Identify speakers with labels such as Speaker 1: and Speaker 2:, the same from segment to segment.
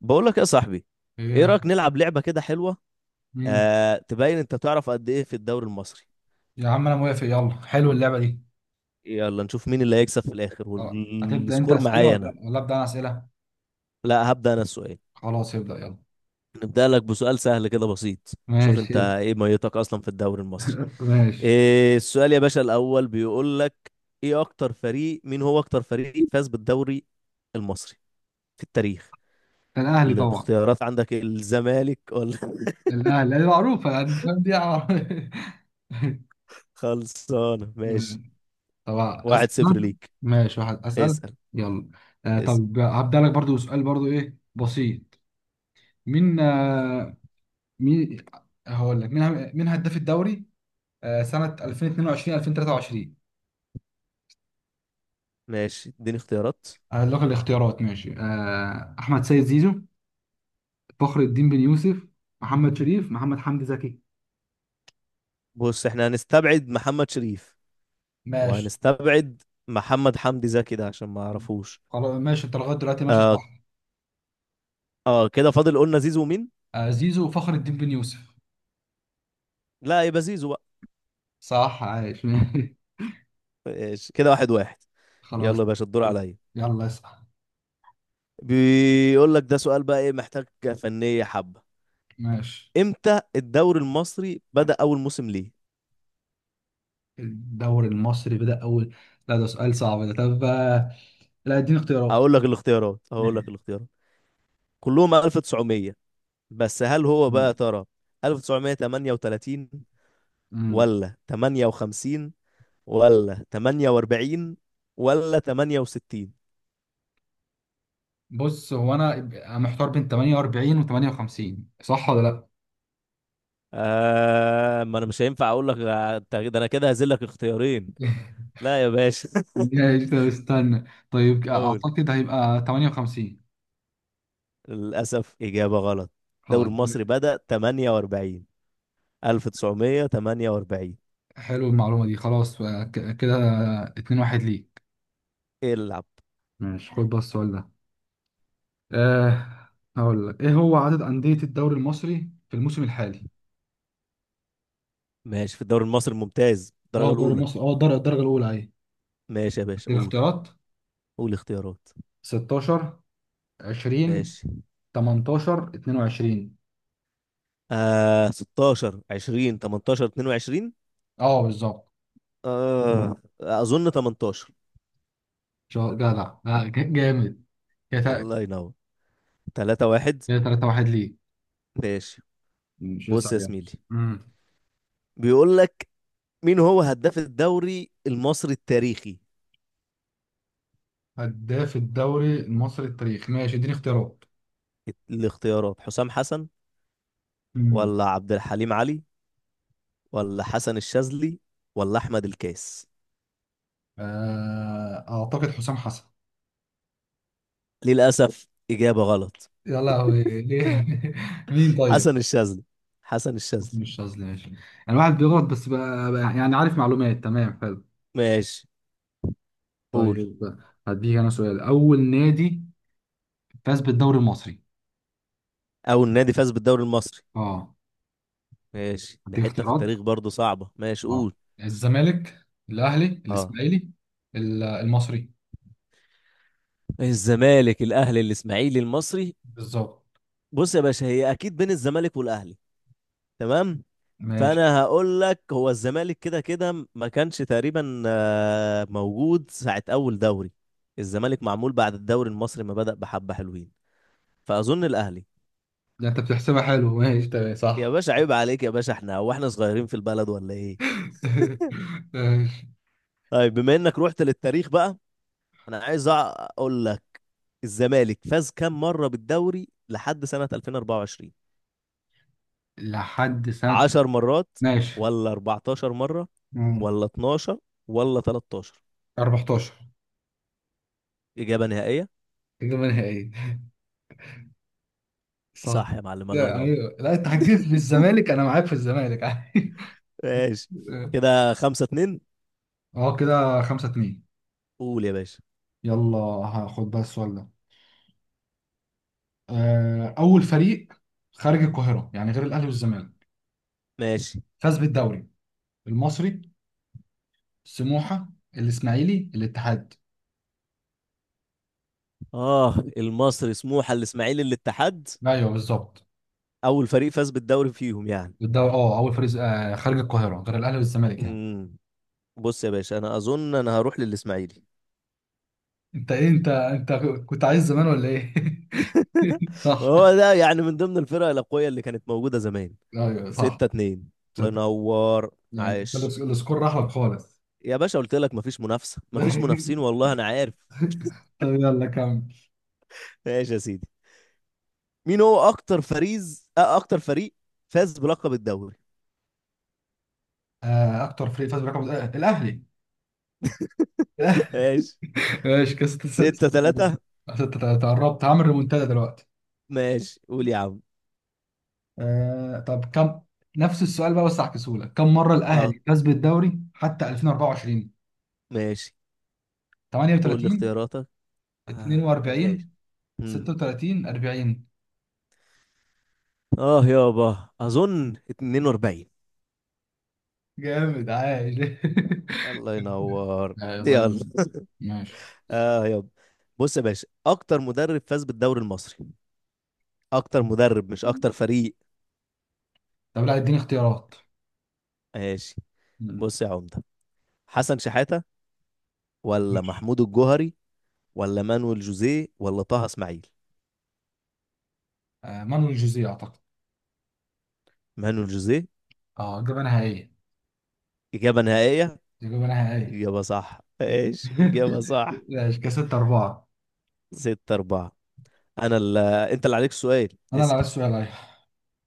Speaker 1: بقول لك يا صاحبي. ايه
Speaker 2: ايه.
Speaker 1: رايك نلعب لعبه كده حلوه؟
Speaker 2: مم.
Speaker 1: آه، تبين انت تعرف قد ايه في الدوري المصري؟
Speaker 2: يا عم انا موافق، يلا حلو اللعبه دي.
Speaker 1: يلا نشوف مين اللي هيكسب في الاخر،
Speaker 2: هتبدا انت
Speaker 1: والسكور
Speaker 2: اسئله
Speaker 1: معايا
Speaker 2: ولا
Speaker 1: انا.
Speaker 2: لأ؟ ولا ابدا انا اسئله؟
Speaker 1: لا، هبدا انا السؤال.
Speaker 2: خلاص، ابدا يلا.
Speaker 1: نبدا لك بسؤال سهل كده بسيط. شوف
Speaker 2: ماشي.
Speaker 1: انت ايه ميتك اصلا في الدوري المصري؟
Speaker 2: ماشي،
Speaker 1: إيه السؤال يا باشا الاول؟ بيقول لك: ايه اكتر فريق مين هو اكتر فريق فاز بالدوري المصري في التاريخ؟
Speaker 2: ده الاهلي طبعا.
Speaker 1: الاختيارات عندك، الزمالك ولا...
Speaker 2: الاهلي دي معروفه، يعني فاهم دي
Speaker 1: خلصانه، ماشي.
Speaker 2: طبعا اسال.
Speaker 1: 1-0 ليك.
Speaker 2: ماشي، واحد، اسال
Speaker 1: اسال،
Speaker 2: يلا.
Speaker 1: اسال.
Speaker 2: طب هبدا لك برضو سؤال، برضو ايه، بسيط. مين آه مين. هقول لك مين. مين هداف الدوري؟ سنه 2022 2023.
Speaker 1: ماشي، اديني اختيارات.
Speaker 2: هقول لك الاختيارات. ماشي، احمد سيد زيزو، فخر الدين بن يوسف، محمد شريف، محمد حمدي زكي.
Speaker 1: بص احنا هنستبعد محمد شريف،
Speaker 2: ماشي
Speaker 1: وهنستبعد محمد حمدي زكي ده عشان ما اعرفوش.
Speaker 2: خلاص. ماشي، انت لغايه دلوقتي ماشي
Speaker 1: اه،
Speaker 2: صح.
Speaker 1: اه، كده فاضل، قلنا زيزو، مين؟
Speaker 2: زيزو وفخر الدين بن يوسف.
Speaker 1: لا، يبقى زيزو بقى.
Speaker 2: صح، عايش.
Speaker 1: ماشي كده، 1-1.
Speaker 2: خلاص.
Speaker 1: يلا يا باشا، الدور
Speaker 2: خلاص.
Speaker 1: عليا.
Speaker 2: يلا اسأل.
Speaker 1: بيقول لك ده سؤال بقى ايه، محتاج فنية حبة.
Speaker 2: ماشي.
Speaker 1: امتى الدوري المصري بدأ اول موسم ليه؟
Speaker 2: الدوري المصري بدأ أول... لا ده سؤال صعب ده. طب لا اديني اختيارات.
Speaker 1: اقول لك
Speaker 2: ماشي.
Speaker 1: الاختيارات، كلهم 1900، بس هل هو بقى يا
Speaker 2: مم.
Speaker 1: ترى 1938،
Speaker 2: مم.
Speaker 1: ولا 58، ولا 48، ولا 68؟
Speaker 2: بص، هو انا محتار بين 48 و 58، صح ولا لا؟
Speaker 1: ما انا مش هينفع اقول لك. ده انا كده هذلك اختيارين. لا يا باشا.
Speaker 2: ماشي، طب استنى. طيب
Speaker 1: اقول:
Speaker 2: اعتقد هيبقى 58.
Speaker 1: للاسف اجابه غلط. الدوري
Speaker 2: خلاص.
Speaker 1: المصري بدأ 48، 1948.
Speaker 2: حلو المعلومة دي. خلاص، كده 2-1 ليك.
Speaker 1: العب.
Speaker 2: ماشي، خد بقى السؤال ده. أه، هقول لك ايه هو عدد أندية الدوري المصري في الموسم الحالي؟
Speaker 1: ماشي، في الدوري المصري الممتاز
Speaker 2: اه
Speaker 1: الدرجه
Speaker 2: الدوري
Speaker 1: الاولى.
Speaker 2: المصري، اه الدرجة الأولى اهي.
Speaker 1: ماشي يا باشا،
Speaker 2: اديك
Speaker 1: قول.
Speaker 2: اختيارات:
Speaker 1: قول اختيارات.
Speaker 2: 16، 20،
Speaker 1: ماشي،
Speaker 2: 18، 22.
Speaker 1: آه، 16، 20، 18، 22.
Speaker 2: اه بالظبط.
Speaker 1: آه، اظن 18.
Speaker 2: جدع، جامد كده.
Speaker 1: الله ينور. 3-1.
Speaker 2: كده 3-1 ليك.
Speaker 1: ماشي،
Speaker 2: ماشي، اسأل
Speaker 1: بص يا
Speaker 2: يلا.
Speaker 1: زميلي.
Speaker 2: امم
Speaker 1: بيقول لك: مين هو هداف الدوري المصري التاريخي؟
Speaker 2: هداف الدوري المصري التاريخي. ماشي اديني اختيارات.
Speaker 1: الاختيارات: حسام حسن،
Speaker 2: امم،
Speaker 1: ولا عبد الحليم علي، ولا حسن الشاذلي، ولا احمد الكاس؟
Speaker 2: اعتقد حسام حسن.
Speaker 1: للاسف اجابه غلط.
Speaker 2: يا لهوي ليه؟ مين طيب؟
Speaker 1: حسن الشاذلي، حسن الشاذلي.
Speaker 2: مش قصدي، ماشي. يعني واحد بيغلط بس بقى، بقى يعني عارف معلومات. تمام، حلو.
Speaker 1: ماشي قول.
Speaker 2: طيب، هديك انا سؤال: اول نادي فاز بالدوري المصري.
Speaker 1: اول نادي فاز بالدوري المصري؟
Speaker 2: اه.
Speaker 1: ماشي، دي
Speaker 2: هديك
Speaker 1: حته في
Speaker 2: اختيارات:
Speaker 1: التاريخ برضه صعبه، ماشي
Speaker 2: اه
Speaker 1: قول.
Speaker 2: الزمالك، الاهلي،
Speaker 1: اه،
Speaker 2: الاسماعيلي، المصري.
Speaker 1: الزمالك، الاهلي، الاسماعيلي، المصري.
Speaker 2: بالظبط.
Speaker 1: بص يا باشا، هي اكيد بين الزمالك والاهلي، تمام.
Speaker 2: ماشي،
Speaker 1: فانا هقول لك هو الزمالك كده كده ما كانش تقريبا موجود ساعة اول دوري. الزمالك معمول بعد الدوري المصري ما بدأ بحبة حلوين، فاظن الاهلي.
Speaker 2: ده انت بتحسبها. حلو، ماشي تمام
Speaker 1: يا
Speaker 2: صح.
Speaker 1: باشا عيب عليك يا باشا، احنا هو احنا صغيرين في البلد ولا ايه؟
Speaker 2: ماشي
Speaker 1: طيب بما انك رحت للتاريخ بقى، انا عايز اقول لك: الزمالك فاز كام مرة بالدوري لحد سنة 2024؟
Speaker 2: لحد سنة.
Speaker 1: 10 مرات،
Speaker 2: ماشي.
Speaker 1: ولا 14 مرة،
Speaker 2: مم.
Speaker 1: ولا 12، ولا 13؟
Speaker 2: 14.
Speaker 1: إجابة نهائية؟
Speaker 2: إجابة نهائية.
Speaker 1: صح
Speaker 2: صح.
Speaker 1: يا معلم، الله
Speaker 2: لا،
Speaker 1: ينور.
Speaker 2: ايوه، لا، انت هتجيب في الزمالك انا معاك في الزمالك عادي.
Speaker 1: ماشي كده، 5-2.
Speaker 2: اه كده 5-2.
Speaker 1: قول يا باشا.
Speaker 2: يلا هاخد بقى السؤال ده. أول فريق خارج القاهرة، يعني غير الأهلي والزمالك،
Speaker 1: ماشي،
Speaker 2: فاز بالدوري المصري: سموحة، الإسماعيلي، الاتحاد.
Speaker 1: اه المصري، سموحة، الاسماعيلي، الاتحاد.
Speaker 2: أيوه بالظبط.
Speaker 1: اول فريق فاز بالدوري فيهم يعني؟
Speaker 2: الدوري اه، أول فريق خارج القاهرة غير الأهلي والزمالك يعني.
Speaker 1: امم بص يا باشا، انا اظن انا هروح للاسماعيلي.
Speaker 2: انت ايه؟ انت كنت عايز زمان ولا ايه؟ صح.
Speaker 1: هو ده يعني من ضمن الفرق الاقوية اللي كانت موجودة زمان.
Speaker 2: أيوه
Speaker 1: ستة
Speaker 2: صح.
Speaker 1: اتنين الله
Speaker 2: ستة.
Speaker 1: ينور،
Speaker 2: يعني
Speaker 1: عاش.
Speaker 2: السكور راح لك خالص.
Speaker 1: يا باشا قلت لك مفيش منافسة، مفيش منافسين، والله انا عارف.
Speaker 2: طب يلا كمل.
Speaker 1: ماشي يا سيدي. مين هو اكتر فريز أه اكتر فريق فاز بلقب الدوري؟
Speaker 2: اكتر فريق فاز برقم، الاهلي.
Speaker 1: ماشي،
Speaker 2: ماشي كده 6
Speaker 1: ستة
Speaker 2: 6
Speaker 1: تلاتة
Speaker 2: قربت هعمل ريمونتادا دلوقتي.
Speaker 1: ماشي قول يا عم.
Speaker 2: طب كم نفس السؤال بقى، بس هعكسهولك، كم مرة
Speaker 1: اه،
Speaker 2: الأهلي فاز بالدوري حتى 2024؟
Speaker 1: ماشي. قول لي
Speaker 2: 38،
Speaker 1: اختياراتك. اه، ماشي.
Speaker 2: 42،
Speaker 1: مم.
Speaker 2: 36، 40.
Speaker 1: اه يابا، اظن 42.
Speaker 2: جامد عايش.
Speaker 1: الله ينور،
Speaker 2: الله
Speaker 1: يلا.
Speaker 2: ينور. ماشي،
Speaker 1: اه يابا. بص يا باشا، اكتر مدرب فاز بالدوري المصري، اكتر مدرب مش اكتر فريق.
Speaker 2: طب لا اديني اختيارات.
Speaker 1: ماشي،
Speaker 2: مم.
Speaker 1: بص يا عمده. حسن شحاته، ولا
Speaker 2: ماشي،
Speaker 1: محمود الجوهري، ولا مانويل جوزيه، ولا طه اسماعيل؟
Speaker 2: مانويل جوزيه أعتقد.
Speaker 1: مانويل جوزيه.
Speaker 2: اه اجابه نهائيه.
Speaker 1: اجابه نهائيه؟
Speaker 2: تجيب انا نهائية.
Speaker 1: اجابه صح، ماشي اجابه صح.
Speaker 2: ماشي، كده 6-4.
Speaker 1: 6-4. انت اللي عليك السؤال.
Speaker 2: أنا اللي عايز
Speaker 1: اسال.
Speaker 2: سؤال، أيوة.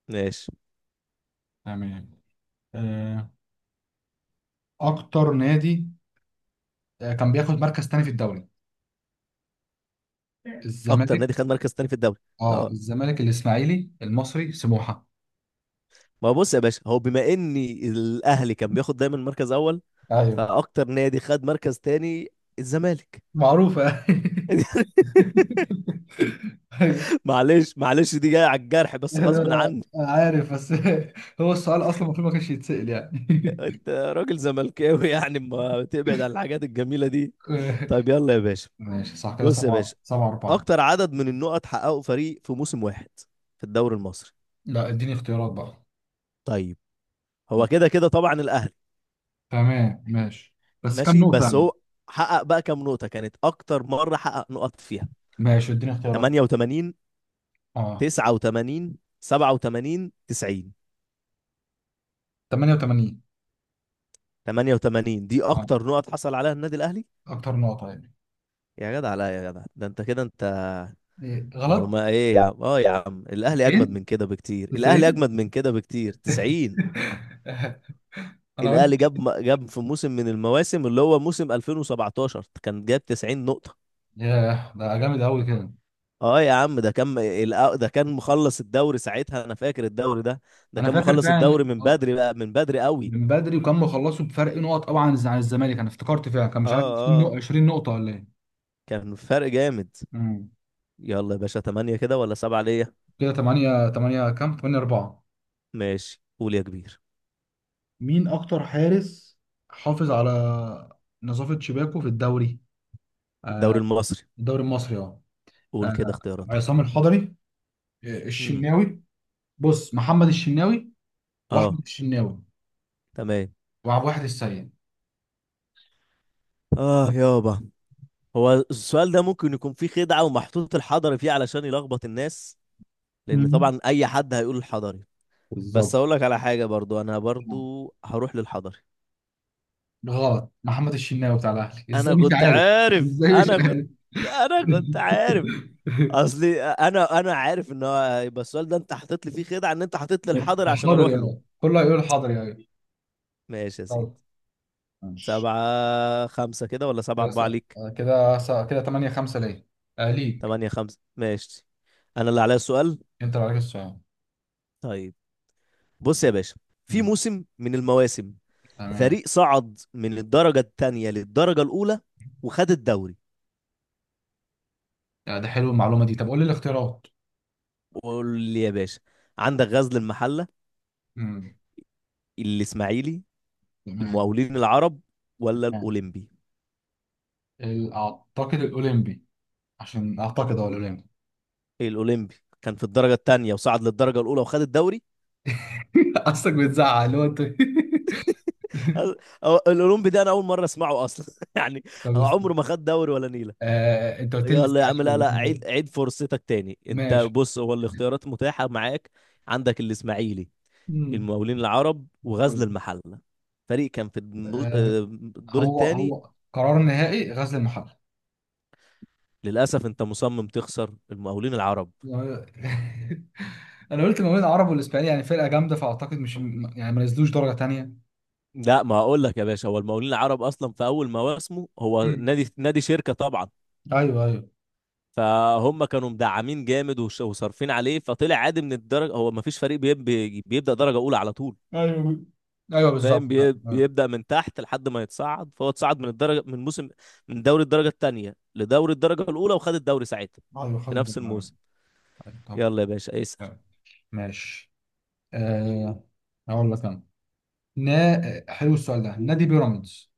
Speaker 1: ماشي،
Speaker 2: تمام. آه، أكتر نادي كان بياخد مركز تاني في الدوري،
Speaker 1: اكتر
Speaker 2: الزمالك.
Speaker 1: نادي خد مركز تاني في الدوري؟
Speaker 2: أه
Speaker 1: اه،
Speaker 2: الزمالك، الإسماعيلي، المصري، سموحة.
Speaker 1: ما هو بص يا باشا، هو بما اني الاهلي كان بياخد دايما مركز اول،
Speaker 2: أيوه،
Speaker 1: فاكتر نادي خد مركز تاني، الزمالك.
Speaker 2: معروفة. أيوه،
Speaker 1: معلش، معلش، دي جايه على الجرح بس
Speaker 2: أنا
Speaker 1: غصب
Speaker 2: أنا
Speaker 1: عني.
Speaker 2: عارف بس. هو السؤال أصلا المفروض ما كانش يتسأل يعني.
Speaker 1: انت راجل زملكاوي يعني، ما تبعد عن الحاجات الجميله دي. طيب يلا يا باشا،
Speaker 2: ماشي صح، كده
Speaker 1: بص يا
Speaker 2: سبعة
Speaker 1: باشا،
Speaker 2: سبعة أربعة.
Speaker 1: اكتر عدد من النقط حققه فريق في موسم واحد في الدوري المصري.
Speaker 2: لا اديني اختيارات بقى.
Speaker 1: طيب هو كده كده طبعا الاهلي.
Speaker 2: تمام ماشي. بس كام
Speaker 1: ماشي،
Speaker 2: نقطة
Speaker 1: بس
Speaker 2: يعني؟
Speaker 1: هو حقق بقى كام نقطة كانت أكتر مرة حقق نقط فيها؟
Speaker 2: ماشي اديني اختيارات.
Speaker 1: 88،
Speaker 2: اه.
Speaker 1: 89، 87، 90.
Speaker 2: 88.
Speaker 1: 88 دي
Speaker 2: اه،
Speaker 1: أكتر نقط حصل عليها النادي الأهلي.
Speaker 2: اكتر نقطة يعني؟
Speaker 1: يا جدع، لا يا جدع ده أنت كده أنت
Speaker 2: إيه، غلط.
Speaker 1: معلومة إيه يا عم! أه يا عم الأهلي أجمد
Speaker 2: 90.
Speaker 1: من كده بكتير، الأهلي
Speaker 2: 90.
Speaker 1: أجمد من كده بكتير، 90.
Speaker 2: انا قلت.
Speaker 1: الأهلي جاب في موسم من المواسم اللي هو موسم 2017 كان جاب 90 نقطة.
Speaker 2: ياه، ده جامد قوي كده.
Speaker 1: اه يا عم ده كان مخلص الدوري ساعتها، انا فاكر الدوري ده. ده
Speaker 2: انا
Speaker 1: كان
Speaker 2: فاكر
Speaker 1: مخلص
Speaker 2: فعلا
Speaker 1: الدوري من بدري بقى، من بدري قوي.
Speaker 2: من بدري، وكان مخلصوا بفرق نقط قوي عن عن الزمالك، انا افتكرت فعلا كان
Speaker 1: اه،
Speaker 2: مش عارف 20
Speaker 1: اه،
Speaker 2: نقطة 20 نقطة ولا ايه.
Speaker 1: كان فرق جامد.
Speaker 2: امم.
Speaker 1: يلا يا باشا، تمانية كده ولا سبعة ليا؟
Speaker 2: كده 8 8، كام؟ 8 4.
Speaker 1: ماشي قول يا كبير.
Speaker 2: مين اكتر حارس حافظ على نظافة شباكه في الدوري؟
Speaker 1: الدوري
Speaker 2: آه
Speaker 1: المصري.
Speaker 2: الدوري المصري، اه.
Speaker 1: قول
Speaker 2: آه،
Speaker 1: كده اختياراتك.
Speaker 2: عصام الحضري،
Speaker 1: امم،
Speaker 2: الشناوي. بص، محمد الشناوي واحمد
Speaker 1: اه،
Speaker 2: الشناوي
Speaker 1: تمام.
Speaker 2: وعبد الواحد السيد.
Speaker 1: اه يابا، هو السؤال ده ممكن يكون فيه خدعة ومحطوط الحضري فيه علشان يلخبط الناس. لان
Speaker 2: مم.
Speaker 1: طبعا اي حد هيقول الحضري. بس
Speaker 2: بالظبط.
Speaker 1: اقول لك على حاجة، برضو انا برضو هروح للحضري.
Speaker 2: غلط، محمد الشناوي بتاع الاهلي ازاي
Speaker 1: انا
Speaker 2: مش
Speaker 1: كنت
Speaker 2: عارف.
Speaker 1: عارف،
Speaker 2: ازاي مش عارف.
Speaker 1: انا كنت عارف. اصلي انا عارف ان هو هيبقى السؤال ده، انت حاطط لي فيه خدعه، ان انت حاطط لي الحاضر عشان
Speaker 2: حاضر يا
Speaker 1: اروح له.
Speaker 2: ولد. كله هيقول حاضر يا ولد.
Speaker 1: ماشي يا سيدي.
Speaker 2: حاضر. ماشي،
Speaker 1: 7-5 كده، ولا سبعة
Speaker 2: كده س-
Speaker 1: أربعة ليك؟
Speaker 2: كده 8-5 ليه. ليك.
Speaker 1: 8-5، ماشي. أنا اللي عليا السؤال.
Speaker 2: انت اللي عليك السؤال.
Speaker 1: طيب، بص يا باشا، في
Speaker 2: مم.
Speaker 1: موسم من المواسم
Speaker 2: تمام.
Speaker 1: فريق صعد من الدرجة التانية للدرجة الأولى وخد الدوري.
Speaker 2: ده حلو المعلومه دي. طب قول لي الاختيارات.
Speaker 1: قول لي يا باشا. عندك غزل المحلة،
Speaker 2: مم.
Speaker 1: الإسماعيلي،
Speaker 2: تمام.
Speaker 1: المقاولين العرب، ولا
Speaker 2: تمام.
Speaker 1: الأولمبي؟
Speaker 2: اعتقد الاولمبي. عشان اعتقد هو الاولمبي.
Speaker 1: الاولمبي كان في الدرجه الثانيه وصعد للدرجه الاولى وخد الدوري.
Speaker 2: قصدك بتزعق اللي هو انت.
Speaker 1: أ- الاولمبي ده انا اول مره اسمعه اصلا. يعني
Speaker 2: طب
Speaker 1: هو عمره ما خد دوري ولا نيله.
Speaker 2: انت قلت لي
Speaker 1: يلا يا عم، لا،
Speaker 2: الاسماعيلي.
Speaker 1: لا، عيد عيد فرصتك تاني انت.
Speaker 2: ماشي.
Speaker 1: بص هو الاختيارات متاحه معاك. عندك الاسماعيلي،
Speaker 2: امم.
Speaker 1: المقاولين العرب، وغزل
Speaker 2: طيب.
Speaker 1: المحله. فريق كان في
Speaker 2: آه،
Speaker 1: الدور
Speaker 2: هو
Speaker 1: الثاني.
Speaker 2: هو قرار نهائي: غزل المحله.
Speaker 1: للاسف انت مصمم تخسر، المقاولين العرب.
Speaker 2: انا قلت ما بين العرب والاسبانيين، يعني فرقه جامده فاعتقد مش يعني ما نزلوش درجه تانية.
Speaker 1: لا، ما اقول لك يا باشا، هو المقاولين العرب اصلا في اول مواسمه، هو
Speaker 2: امم.
Speaker 1: نادي نادي شركه طبعا.
Speaker 2: ايوه، ايوه.
Speaker 1: فهم كانوا مدعمين جامد وصارفين عليه، فطلع عادي من الدرجه. هو ما فيش فريق بيبدا درجه اولى على طول.
Speaker 2: ايوه، ايوه بالظبط
Speaker 1: فاهم،
Speaker 2: فعلا. ايوه.
Speaker 1: بيبدا من تحت لحد ما يتصعد. فهو اتصعد من الدرجه، من موسم، من دوري الدرجه الثانيه لدوري الدرجه الاولى، وخد الدوري ساعتها
Speaker 2: ايوه خد
Speaker 1: في نفس
Speaker 2: الدوري، ايوه.
Speaker 1: الموسم.
Speaker 2: أيوة، طب.
Speaker 1: يلا يا باشا اسال.
Speaker 2: أيوة. ماشي. أه هقول لك انا، حلو السؤال ده. نادي بيراميدز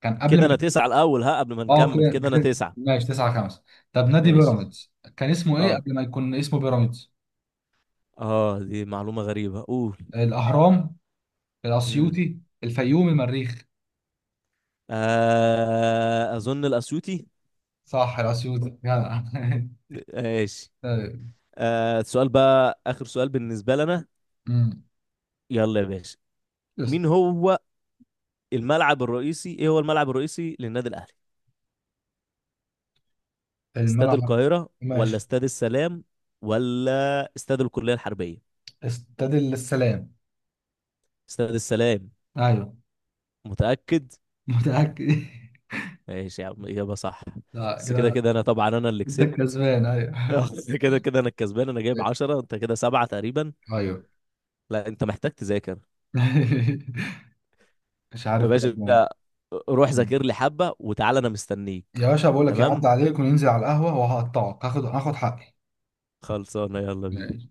Speaker 2: كان قبل
Speaker 1: كده
Speaker 2: ما...
Speaker 1: انا تسعه الاول، ها، قبل ما
Speaker 2: اه
Speaker 1: نكمل،
Speaker 2: كده
Speaker 1: كده انا
Speaker 2: كده-
Speaker 1: تسعه.
Speaker 2: ماشي 9-5. طب نادي
Speaker 1: ماشي،
Speaker 2: بيراميدز كان اسمه ايه
Speaker 1: اه،
Speaker 2: قبل ما يكون اسمه بيراميدز؟
Speaker 1: اه، دي معلومه غريبه، قول.
Speaker 2: الاهرام،
Speaker 1: امم
Speaker 2: الاسيوطي، الفيوم، المريخ.
Speaker 1: اظن الاسيوطي.
Speaker 2: صح، الاسيوطي، جدع.
Speaker 1: ماشي،
Speaker 2: طيب.
Speaker 1: سؤال بقى اخر سؤال بالنسبه لنا.
Speaker 2: أمم.
Speaker 1: يلا يا باشا.
Speaker 2: بس
Speaker 1: مين هو الملعب الرئيسي ايه هو الملعب الرئيسي للنادي الاهلي؟ استاد
Speaker 2: الملعب.
Speaker 1: القاهرة، ولا
Speaker 2: ماشي،
Speaker 1: استاد السلام، ولا استاد الكلية الحربية؟
Speaker 2: استاد السلام.
Speaker 1: استاد السلام.
Speaker 2: ايوه،
Speaker 1: متأكد؟
Speaker 2: متاكد.
Speaker 1: ماشي يا عم، إجابة صح.
Speaker 2: لا
Speaker 1: بس كده
Speaker 2: كده
Speaker 1: كده انا طبعا انا اللي
Speaker 2: انت
Speaker 1: كسبت.
Speaker 2: كسبان. ايوه
Speaker 1: آه، كده كده انا الكسبان، انا جايب 10، انت كده سبعة تقريبا.
Speaker 2: ايوه.
Speaker 1: لا، انت محتاج تذاكر.
Speaker 2: مش
Speaker 1: يا
Speaker 2: عارف
Speaker 1: باشا،
Speaker 2: بجد يعني.
Speaker 1: روح ذاكر لي حبة وتعالى، انا مستنيك.
Speaker 2: يا باشا بقول لك يعدي
Speaker 1: تمام،
Speaker 2: عليك وننزل على القهوه، وهقطعك، هاخد حقي.
Speaker 1: خلصانة، يلا بينا.
Speaker 2: ماشي.